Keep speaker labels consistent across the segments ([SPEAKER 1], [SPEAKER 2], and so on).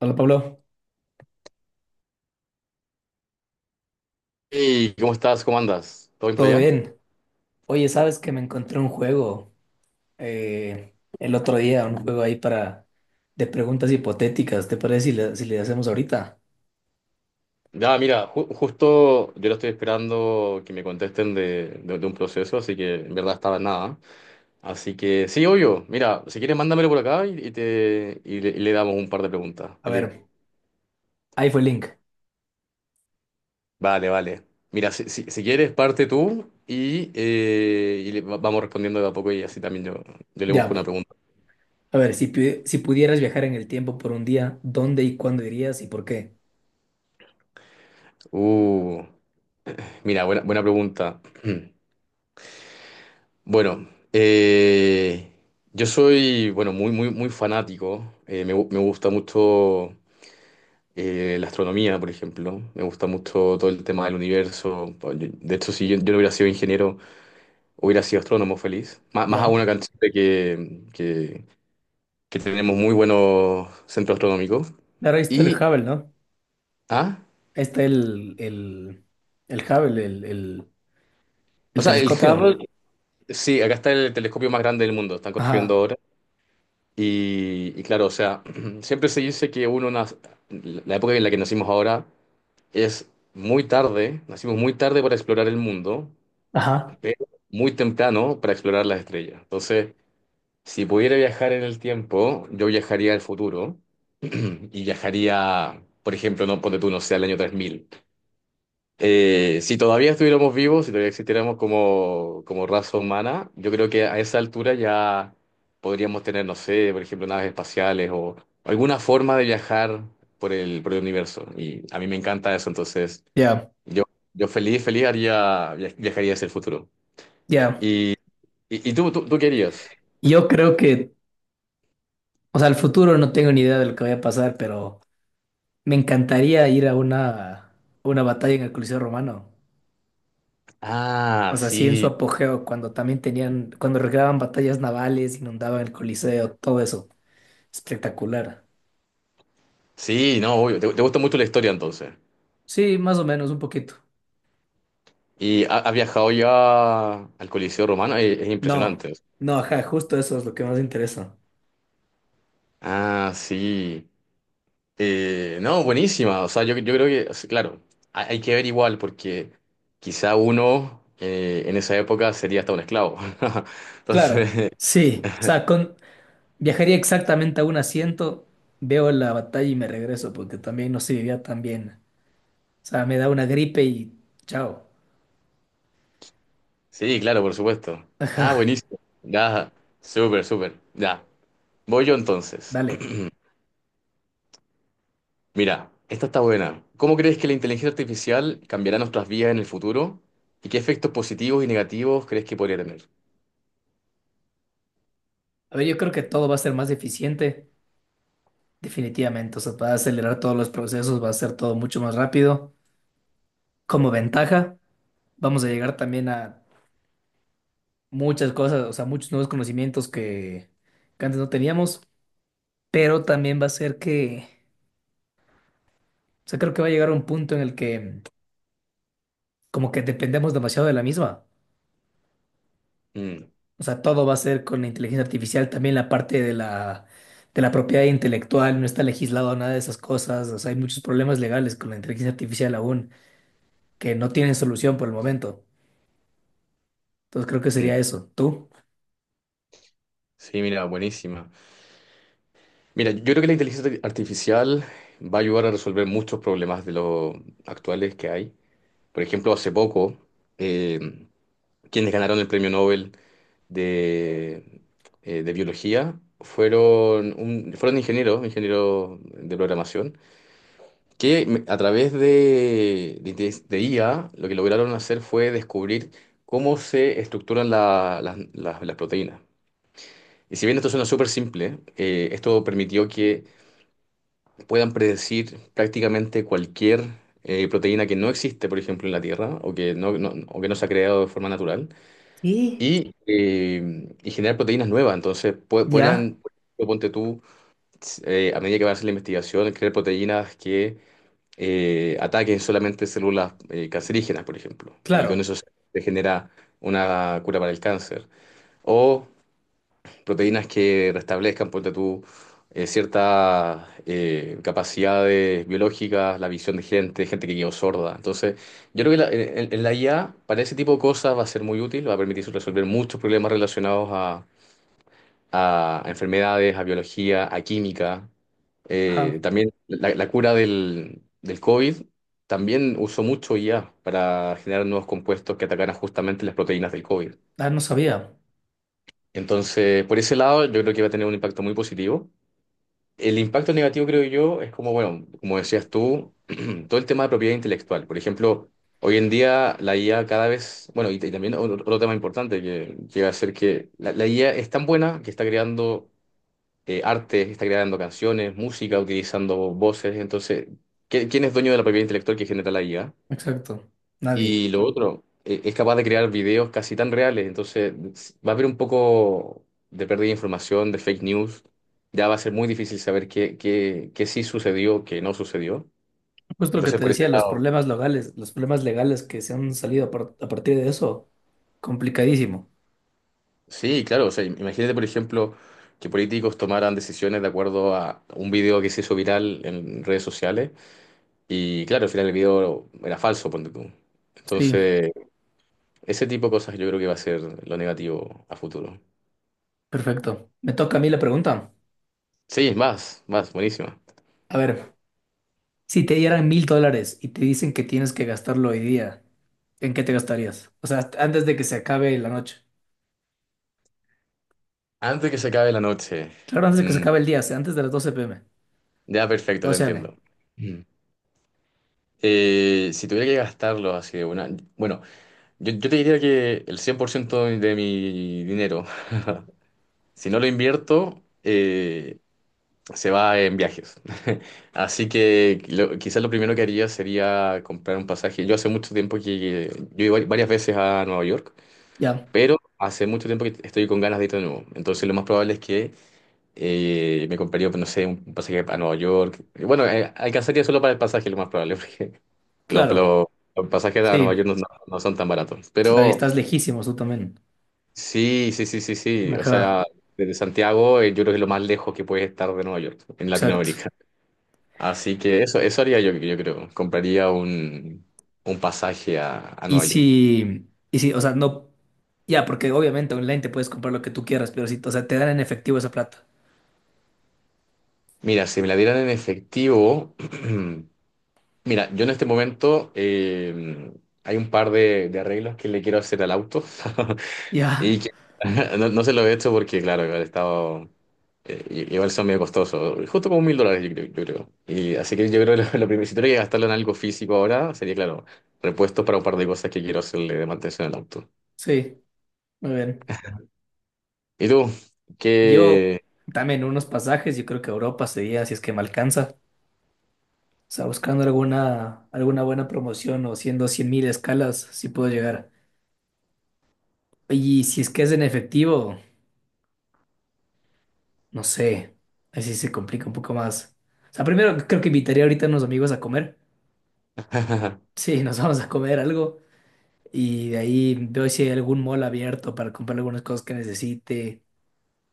[SPEAKER 1] Hola Pablo,
[SPEAKER 2] Hey, ¿cómo estás? ¿Cómo andas? ¿Todo bien por
[SPEAKER 1] ¿todo
[SPEAKER 2] allá?
[SPEAKER 1] bien? Oye, sabes que me encontré un juego el otro día, un juego ahí para de preguntas hipotéticas. ¿Te parece si le hacemos ahorita?
[SPEAKER 2] Ya, mira, justo yo lo estoy esperando que me contesten de un proceso, así que en verdad estaba en nada. Así que sí, obvio. Mira, si quieres, mándamelo por acá y le damos un par de preguntas.
[SPEAKER 1] A ver,
[SPEAKER 2] Feliz.
[SPEAKER 1] ahí fue el link.
[SPEAKER 2] Vale, vale. Mira, si quieres, parte tú y vamos respondiendo de a poco y así también yo le busco una
[SPEAKER 1] Ya.
[SPEAKER 2] pregunta.
[SPEAKER 1] A ver, si pudieras viajar en el tiempo por un día, ¿dónde y cuándo irías y por qué?
[SPEAKER 2] Uh, Mira, buena, buena pregunta. Bueno, eh, yo soy, bueno, muy, muy, muy fanático. Me gusta mucho la astronomía, por ejemplo. Me gusta mucho todo el tema del universo. Pues, de hecho, si yo no hubiera sido ingeniero, hubiera sido astrónomo feliz. Más, más aún
[SPEAKER 1] Ya.
[SPEAKER 2] acá en Chile que tenemos muy buenos centros astronómicos.
[SPEAKER 1] Claro, ahí está el
[SPEAKER 2] Y,
[SPEAKER 1] Hubble, ¿no?
[SPEAKER 2] ah,
[SPEAKER 1] Ahí está el Hubble, el, el,
[SPEAKER 2] o
[SPEAKER 1] el
[SPEAKER 2] sea, el
[SPEAKER 1] telescopio.
[SPEAKER 2] Hubble, sí, acá está el telescopio más grande del mundo. Están construyendo
[SPEAKER 1] Ajá.
[SPEAKER 2] ahora. Y claro, o sea, siempre se dice que uno nace, la época en la que nacimos ahora es muy tarde, nacimos muy tarde para explorar el mundo,
[SPEAKER 1] Ajá.
[SPEAKER 2] pero muy temprano para explorar las estrellas. Entonces, si pudiera viajar en el tiempo, yo viajaría al futuro y viajaría, por ejemplo, no ponte tú, no sé, al año 3000. Si todavía estuviéramos vivos, si todavía existiéramos como, como raza humana, yo creo que a esa altura ya podríamos tener, no sé, por ejemplo, naves espaciales o alguna forma de viajar por el universo. Y a mí me encanta eso, entonces
[SPEAKER 1] Ya.
[SPEAKER 2] yo, yo feliz, feliz haría, viajaría hacia el futuro.
[SPEAKER 1] Ya.
[SPEAKER 2] ¿Y, y tú qué harías?
[SPEAKER 1] Yo creo que o sea, al futuro no tengo ni idea de lo que vaya a pasar, pero me encantaría ir a una batalla en el Coliseo Romano.
[SPEAKER 2] Ah,
[SPEAKER 1] O sea, sí, en su
[SPEAKER 2] sí,
[SPEAKER 1] apogeo, cuando también tenían, cuando regaban batallas navales, inundaban el Coliseo, todo eso. Espectacular.
[SPEAKER 2] sí, no, obvio. Te gusta mucho la historia entonces.
[SPEAKER 1] Sí, más o menos, un poquito.
[SPEAKER 2] ¿Y has viajado ya al Coliseo Romano? Es
[SPEAKER 1] No,
[SPEAKER 2] impresionante.
[SPEAKER 1] no, ajá, justo eso es lo que más me interesa.
[SPEAKER 2] Ah, sí. No, buenísima. O sea, yo creo que, o sea, claro, hay que ver igual, porque quizá uno en esa época sería hasta un esclavo.
[SPEAKER 1] Claro,
[SPEAKER 2] Entonces,
[SPEAKER 1] sí. O sea, con, viajaría exactamente a un asiento, veo la batalla y me regreso, porque también no se vivía tan bien. O sea, me da una gripe y chao,
[SPEAKER 2] sí, claro, por supuesto. Ah, buenísimo. Ya, súper, súper. Ya. Voy yo entonces.
[SPEAKER 1] dale.
[SPEAKER 2] Mira, esta está buena. ¿Cómo crees que la inteligencia artificial cambiará nuestras vidas en el futuro? ¿Y qué efectos positivos y negativos crees que podría tener?
[SPEAKER 1] A ver, yo creo que todo va a ser más eficiente, definitivamente. O sea, va a acelerar todos los procesos, va a ser todo mucho más rápido. Como ventaja, vamos a llegar también a muchas cosas, o sea, muchos nuevos conocimientos que antes no teníamos, pero también va a ser que, o sea, creo que va a llegar a un punto en el que como que dependemos demasiado de la misma.
[SPEAKER 2] Mm,
[SPEAKER 1] O sea, todo va a ser con la inteligencia artificial, también la parte de la propiedad intelectual, no está legislado nada de esas cosas, o sea, hay muchos problemas legales con la inteligencia artificial aún, que no tienen solución por el momento. Entonces creo que
[SPEAKER 2] mm.
[SPEAKER 1] sería eso. ¿Tú?
[SPEAKER 2] Sí, mira, buenísima. Mira, yo creo que la inteligencia artificial va a ayudar a resolver muchos problemas de los actuales que hay. Por ejemplo, hace poco, eh, quienes ganaron el premio Nobel de, de biología fueron, fueron ingenieros, ingenieros de programación, que a través de IA lo que lograron hacer fue descubrir cómo se estructuran las proteínas. Y si bien esto suena súper simple, esto permitió que puedan predecir prácticamente cualquier proteína que no existe, por ejemplo, en la Tierra o que o que no se ha creado de forma natural
[SPEAKER 1] Y
[SPEAKER 2] y generar proteínas nuevas. Entonces,
[SPEAKER 1] ya.
[SPEAKER 2] podrían, ponte tú, a medida que va a hacer la investigación, crear proteínas que ataquen solamente células cancerígenas, por ejemplo, y con
[SPEAKER 1] Claro.
[SPEAKER 2] eso se genera una cura para el cáncer. O proteínas que restablezcan, ponte tú, ciertas capacidades biológicas, la visión de gente que quedó sorda. Entonces, yo creo que en la IA para ese tipo de cosas va a ser muy útil, va a permitir resolver muchos problemas relacionados a enfermedades, a biología, a química.
[SPEAKER 1] Ajá.
[SPEAKER 2] También la cura del COVID también usó mucho IA para generar nuevos compuestos que atacaran justamente las proteínas del COVID.
[SPEAKER 1] Ah, no sabía.
[SPEAKER 2] Entonces, por ese lado, yo creo que va a tener un impacto muy positivo. El impacto negativo, creo yo, es como, bueno, como decías tú, todo el tema de propiedad intelectual. Por ejemplo, hoy en día la IA cada vez, bueno, y también otro tema importante que llega a ser que la IA es tan buena que está creando arte, está creando canciones, música, utilizando voces. Entonces, ¿quién es dueño de la propiedad intelectual que genera la IA?
[SPEAKER 1] Exacto. Nadie.
[SPEAKER 2] Y lo otro, es capaz de crear videos casi tan reales, entonces va a haber un poco de pérdida de información, de fake news, ya va a ser muy difícil saber qué sí sucedió, qué no sucedió.
[SPEAKER 1] Justo lo que
[SPEAKER 2] Entonces,
[SPEAKER 1] te
[SPEAKER 2] por ese
[SPEAKER 1] decía,
[SPEAKER 2] lado,
[SPEAKER 1] los problemas legales que se han salido a partir de eso, complicadísimo.
[SPEAKER 2] sí, claro, o sea, imagínate, por ejemplo, que políticos tomaran decisiones de acuerdo a un video que se hizo viral en redes sociales y claro, al final el video era falso, ponte tú.
[SPEAKER 1] Sí,
[SPEAKER 2] Entonces, ese tipo de cosas yo creo que va a ser lo negativo a futuro.
[SPEAKER 1] perfecto. Me toca a mí la pregunta.
[SPEAKER 2] Sí, es más, más, buenísimo.
[SPEAKER 1] A ver, si te dieran $1.000 y te dicen que tienes que gastarlo hoy día, ¿en qué te gastarías? O sea, antes de que se acabe la noche.
[SPEAKER 2] Antes que se acabe la noche.
[SPEAKER 1] Claro, antes de que se
[SPEAKER 2] Mm,
[SPEAKER 1] acabe el día, o sea, antes de las 12 p.m.
[SPEAKER 2] ya, perfecto, te
[SPEAKER 1] 12 a.m.
[SPEAKER 2] entiendo. Mm. Si tuviera que gastarlo así de una. Bueno, yo te diría que el 100% de mi dinero, si no lo invierto, se va en viajes. Así que quizás lo primero que haría sería comprar un pasaje. Yo hace mucho tiempo que. Yo iba varias veces a Nueva York,
[SPEAKER 1] Ya,
[SPEAKER 2] pero hace mucho tiempo que estoy con ganas de ir de nuevo. Entonces lo más probable es que me compraría, pues, no sé, un pasaje a Nueva York. Bueno, alcanzaría solo para el pasaje, lo más probable, porque lo-
[SPEAKER 1] claro.
[SPEAKER 2] lo- los pasajes a Nueva
[SPEAKER 1] Sí,
[SPEAKER 2] York no son tan baratos.
[SPEAKER 1] claro, y
[SPEAKER 2] Pero
[SPEAKER 1] estás lejísimos tú también.
[SPEAKER 2] sí, sí, sí, sí, sí. O
[SPEAKER 1] Ajá,
[SPEAKER 2] sea, desde Santiago, yo creo que es lo más lejos que puedes estar de Nueva York, en
[SPEAKER 1] exacto.
[SPEAKER 2] Latinoamérica. Así que eso haría yo creo. Compraría un pasaje a
[SPEAKER 1] Y
[SPEAKER 2] Nueva York.
[SPEAKER 1] si, y si, o sea, no, ya, porque obviamente online te puedes comprar lo que tú quieras, pero si, o sea, te dan en efectivo esa plata.
[SPEAKER 2] Mira, si me la dieran en efectivo, mira, yo en este momento hay un par de arreglos que le quiero hacer al auto y
[SPEAKER 1] Ya,
[SPEAKER 2] que no se lo he hecho porque, claro, igual he estado, igual son medio costosos, justo como mil dólares, yo creo. Yo creo. Y así que yo creo que lo, lo primero, si tuviera que gastarlo en algo físico ahora, sería, claro, repuestos para un par de cosas que quiero hacerle de mantención al auto.
[SPEAKER 1] sí, muy bien.
[SPEAKER 2] ¿Y tú?
[SPEAKER 1] Yo
[SPEAKER 2] ¿Qué?
[SPEAKER 1] también unos pasajes, yo creo que Europa sería, si es que me alcanza. O sea, buscando alguna buena promoción o siendo 100.000 escalas, si puedo llegar. Y si es que es en efectivo, no sé, así se complica un poco más. O sea, primero creo que invitaría ahorita a unos amigos a comer. Sí, nos vamos a comer algo y de ahí veo si hay algún mall abierto para comprar algunas cosas que necesite.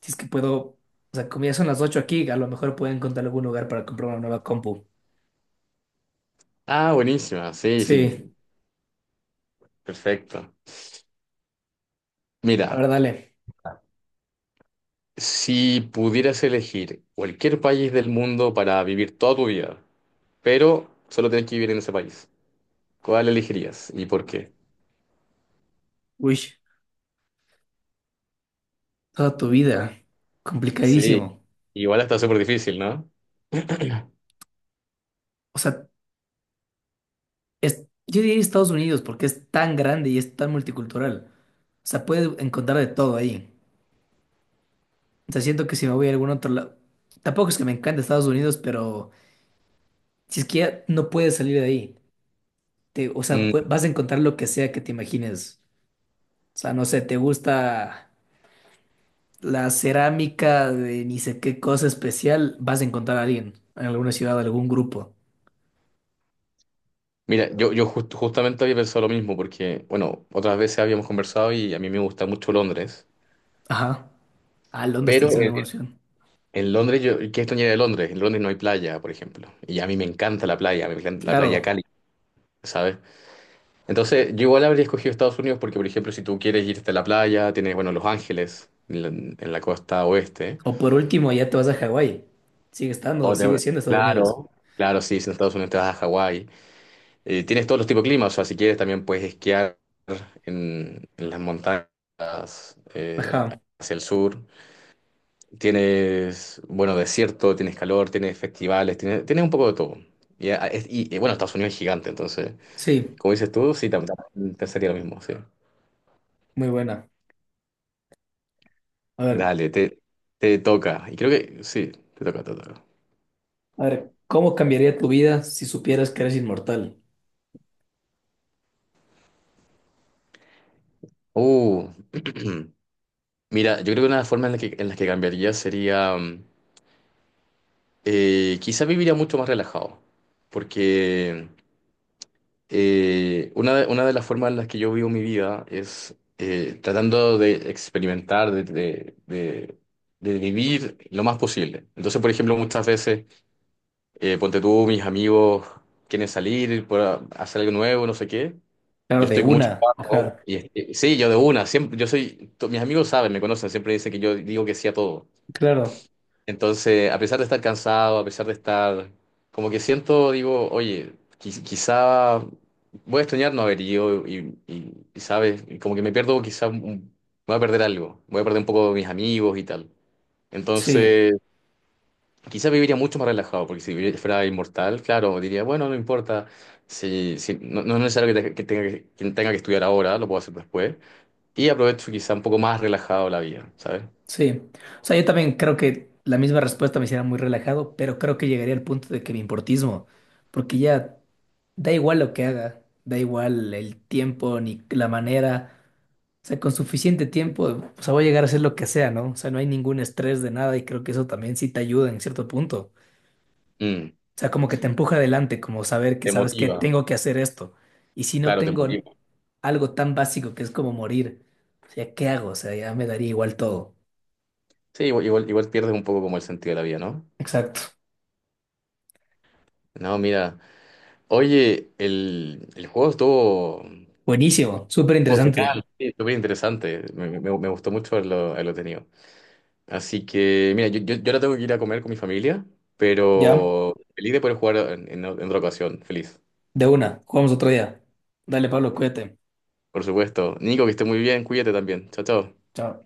[SPEAKER 1] Si es que puedo, o sea, como ya son las 8 aquí, a lo mejor puedo encontrar algún lugar para comprar una nueva compu.
[SPEAKER 2] Ah, buenísima, sí, sí,
[SPEAKER 1] Sí,
[SPEAKER 2] perfecto. Mira,
[SPEAKER 1] a ver, dale.
[SPEAKER 2] si pudieras elegir cualquier país del mundo para vivir toda tu vida, pero solo tienes que vivir en ese país, ¿cuál elegirías y por qué?
[SPEAKER 1] Uy, toda tu vida,
[SPEAKER 2] Sí,
[SPEAKER 1] complicadísimo.
[SPEAKER 2] igual está súper difícil, ¿no?
[SPEAKER 1] O sea, es, yo diría Estados Unidos porque es tan grande y es tan multicultural. O sea, puedes encontrar de todo ahí. O sea, siento que si me voy a algún otro lado, tampoco es que me encante Estados Unidos, pero si es que ya no puedes salir de ahí. O sea,
[SPEAKER 2] Mm,
[SPEAKER 1] vas a encontrar lo que sea que te imagines. O sea, no sé, te gusta la cerámica de ni sé qué cosa especial, vas a encontrar a alguien en alguna ciudad, algún grupo.
[SPEAKER 2] mira, yo justamente había pensado lo mismo porque, bueno, otras veces habíamos conversado y a mí me gusta mucho Londres,
[SPEAKER 1] Ajá. Ah, Londres está
[SPEAKER 2] pero
[SPEAKER 1] en ser una
[SPEAKER 2] en,
[SPEAKER 1] buena opción.
[SPEAKER 2] en Londres, yo, ¿qué extrañaría de Londres? En Londres no hay playa, por ejemplo, y a mí me encanta la playa, me encanta la playa
[SPEAKER 1] Claro.
[SPEAKER 2] cálida, ¿sabes? Entonces, yo igual habría escogido Estados Unidos porque, por ejemplo, si tú quieres irte a la playa, tienes, bueno, Los Ángeles, en la costa oeste.
[SPEAKER 1] O por último, ya te vas a Hawái. Sigue estando,
[SPEAKER 2] O
[SPEAKER 1] sigue
[SPEAKER 2] te-
[SPEAKER 1] siendo Estados Unidos.
[SPEAKER 2] Claro. Claro, sí, si en Estados Unidos te vas a Hawái. Tienes todos los tipos de climas, o sea, si quieres también puedes esquiar en las montañas eh,
[SPEAKER 1] Ajá.
[SPEAKER 2] hacia el sur. Tienes, bueno, desierto, tienes calor, tienes festivales, tienes un poco de todo. Y, bueno, Estados Unidos es gigante, entonces,
[SPEAKER 1] Sí,
[SPEAKER 2] como dices tú, sí, también te sería lo mismo, sí.
[SPEAKER 1] muy buena. A ver,
[SPEAKER 2] Dale, te toca. Y creo que sí, te toca, te toca.
[SPEAKER 1] a ver, ¿cómo cambiaría tu vida si supieras que eres inmortal?
[SPEAKER 2] Uh, mira, yo creo que una forma en las que cambiaría sería, quizá viviría mucho más relajado, porque una de las formas en las que yo vivo mi vida es tratando de experimentar, de vivir lo más posible. Entonces, por ejemplo, muchas veces, ponte tú, mis amigos quieren salir, hacer algo nuevo, no sé qué.
[SPEAKER 1] Claro,
[SPEAKER 2] Yo
[SPEAKER 1] de
[SPEAKER 2] estoy con mucho
[SPEAKER 1] una.
[SPEAKER 2] trabajo
[SPEAKER 1] Ajá.
[SPEAKER 2] y este, sí, yo de una, siempre, yo soy, mis amigos saben, me conocen, siempre dicen que yo digo que sí a todo.
[SPEAKER 1] Claro.
[SPEAKER 2] Entonces, a pesar de estar cansado, a pesar de estar, como que siento, digo, oye, quizá voy a extrañar no haber ido y, sabes, y como que me pierdo, quizá voy a perder algo, voy a perder un poco de mis amigos y tal.
[SPEAKER 1] Sí.
[SPEAKER 2] Entonces, quizá viviría mucho más relajado, porque si fuera inmortal, claro, diría, bueno, no importa, no, no es necesario que tenga que estudiar ahora, lo puedo hacer después. Y aprovecho quizá un poco más relajado la vida, ¿sabes?
[SPEAKER 1] Sí, o sea, yo también creo que la misma respuesta me hiciera muy relajado, pero creo que llegaría al punto de que me importismo, porque ya da igual lo que haga, da igual el tiempo ni la manera, o sea, con suficiente tiempo, o sea, voy a llegar a hacer lo que sea, ¿no? O sea, no hay ningún estrés de nada y creo que eso también sí te ayuda en cierto punto,
[SPEAKER 2] Mm,
[SPEAKER 1] o sea, como que te empuja adelante, como saber que
[SPEAKER 2] te
[SPEAKER 1] sabes que
[SPEAKER 2] motiva,
[SPEAKER 1] tengo que hacer esto, y si no
[SPEAKER 2] claro, te
[SPEAKER 1] tengo
[SPEAKER 2] motiva.
[SPEAKER 1] algo tan básico que es como morir, o sea, ¿qué hago? O sea, ya me daría igual todo.
[SPEAKER 2] Sí, igual, igual, igual pierdes un poco como el sentido de la vida, ¿no?
[SPEAKER 1] Exacto.
[SPEAKER 2] No, mira, oye, el juego estuvo,
[SPEAKER 1] Buenísimo, súper
[SPEAKER 2] estuvo
[SPEAKER 1] interesante.
[SPEAKER 2] genial, sí, estuvo bien interesante, me gustó mucho haberlo tenido. Así que, mira, yo ahora tengo que ir a comer con mi familia,
[SPEAKER 1] Ya,
[SPEAKER 2] pero feliz de poder jugar en otra ocasión, feliz.
[SPEAKER 1] de una, jugamos otro día. Dale, Pablo, cuídate.
[SPEAKER 2] Por supuesto. Nico, que esté muy bien, cuídate también. Chao, chao.
[SPEAKER 1] Chao.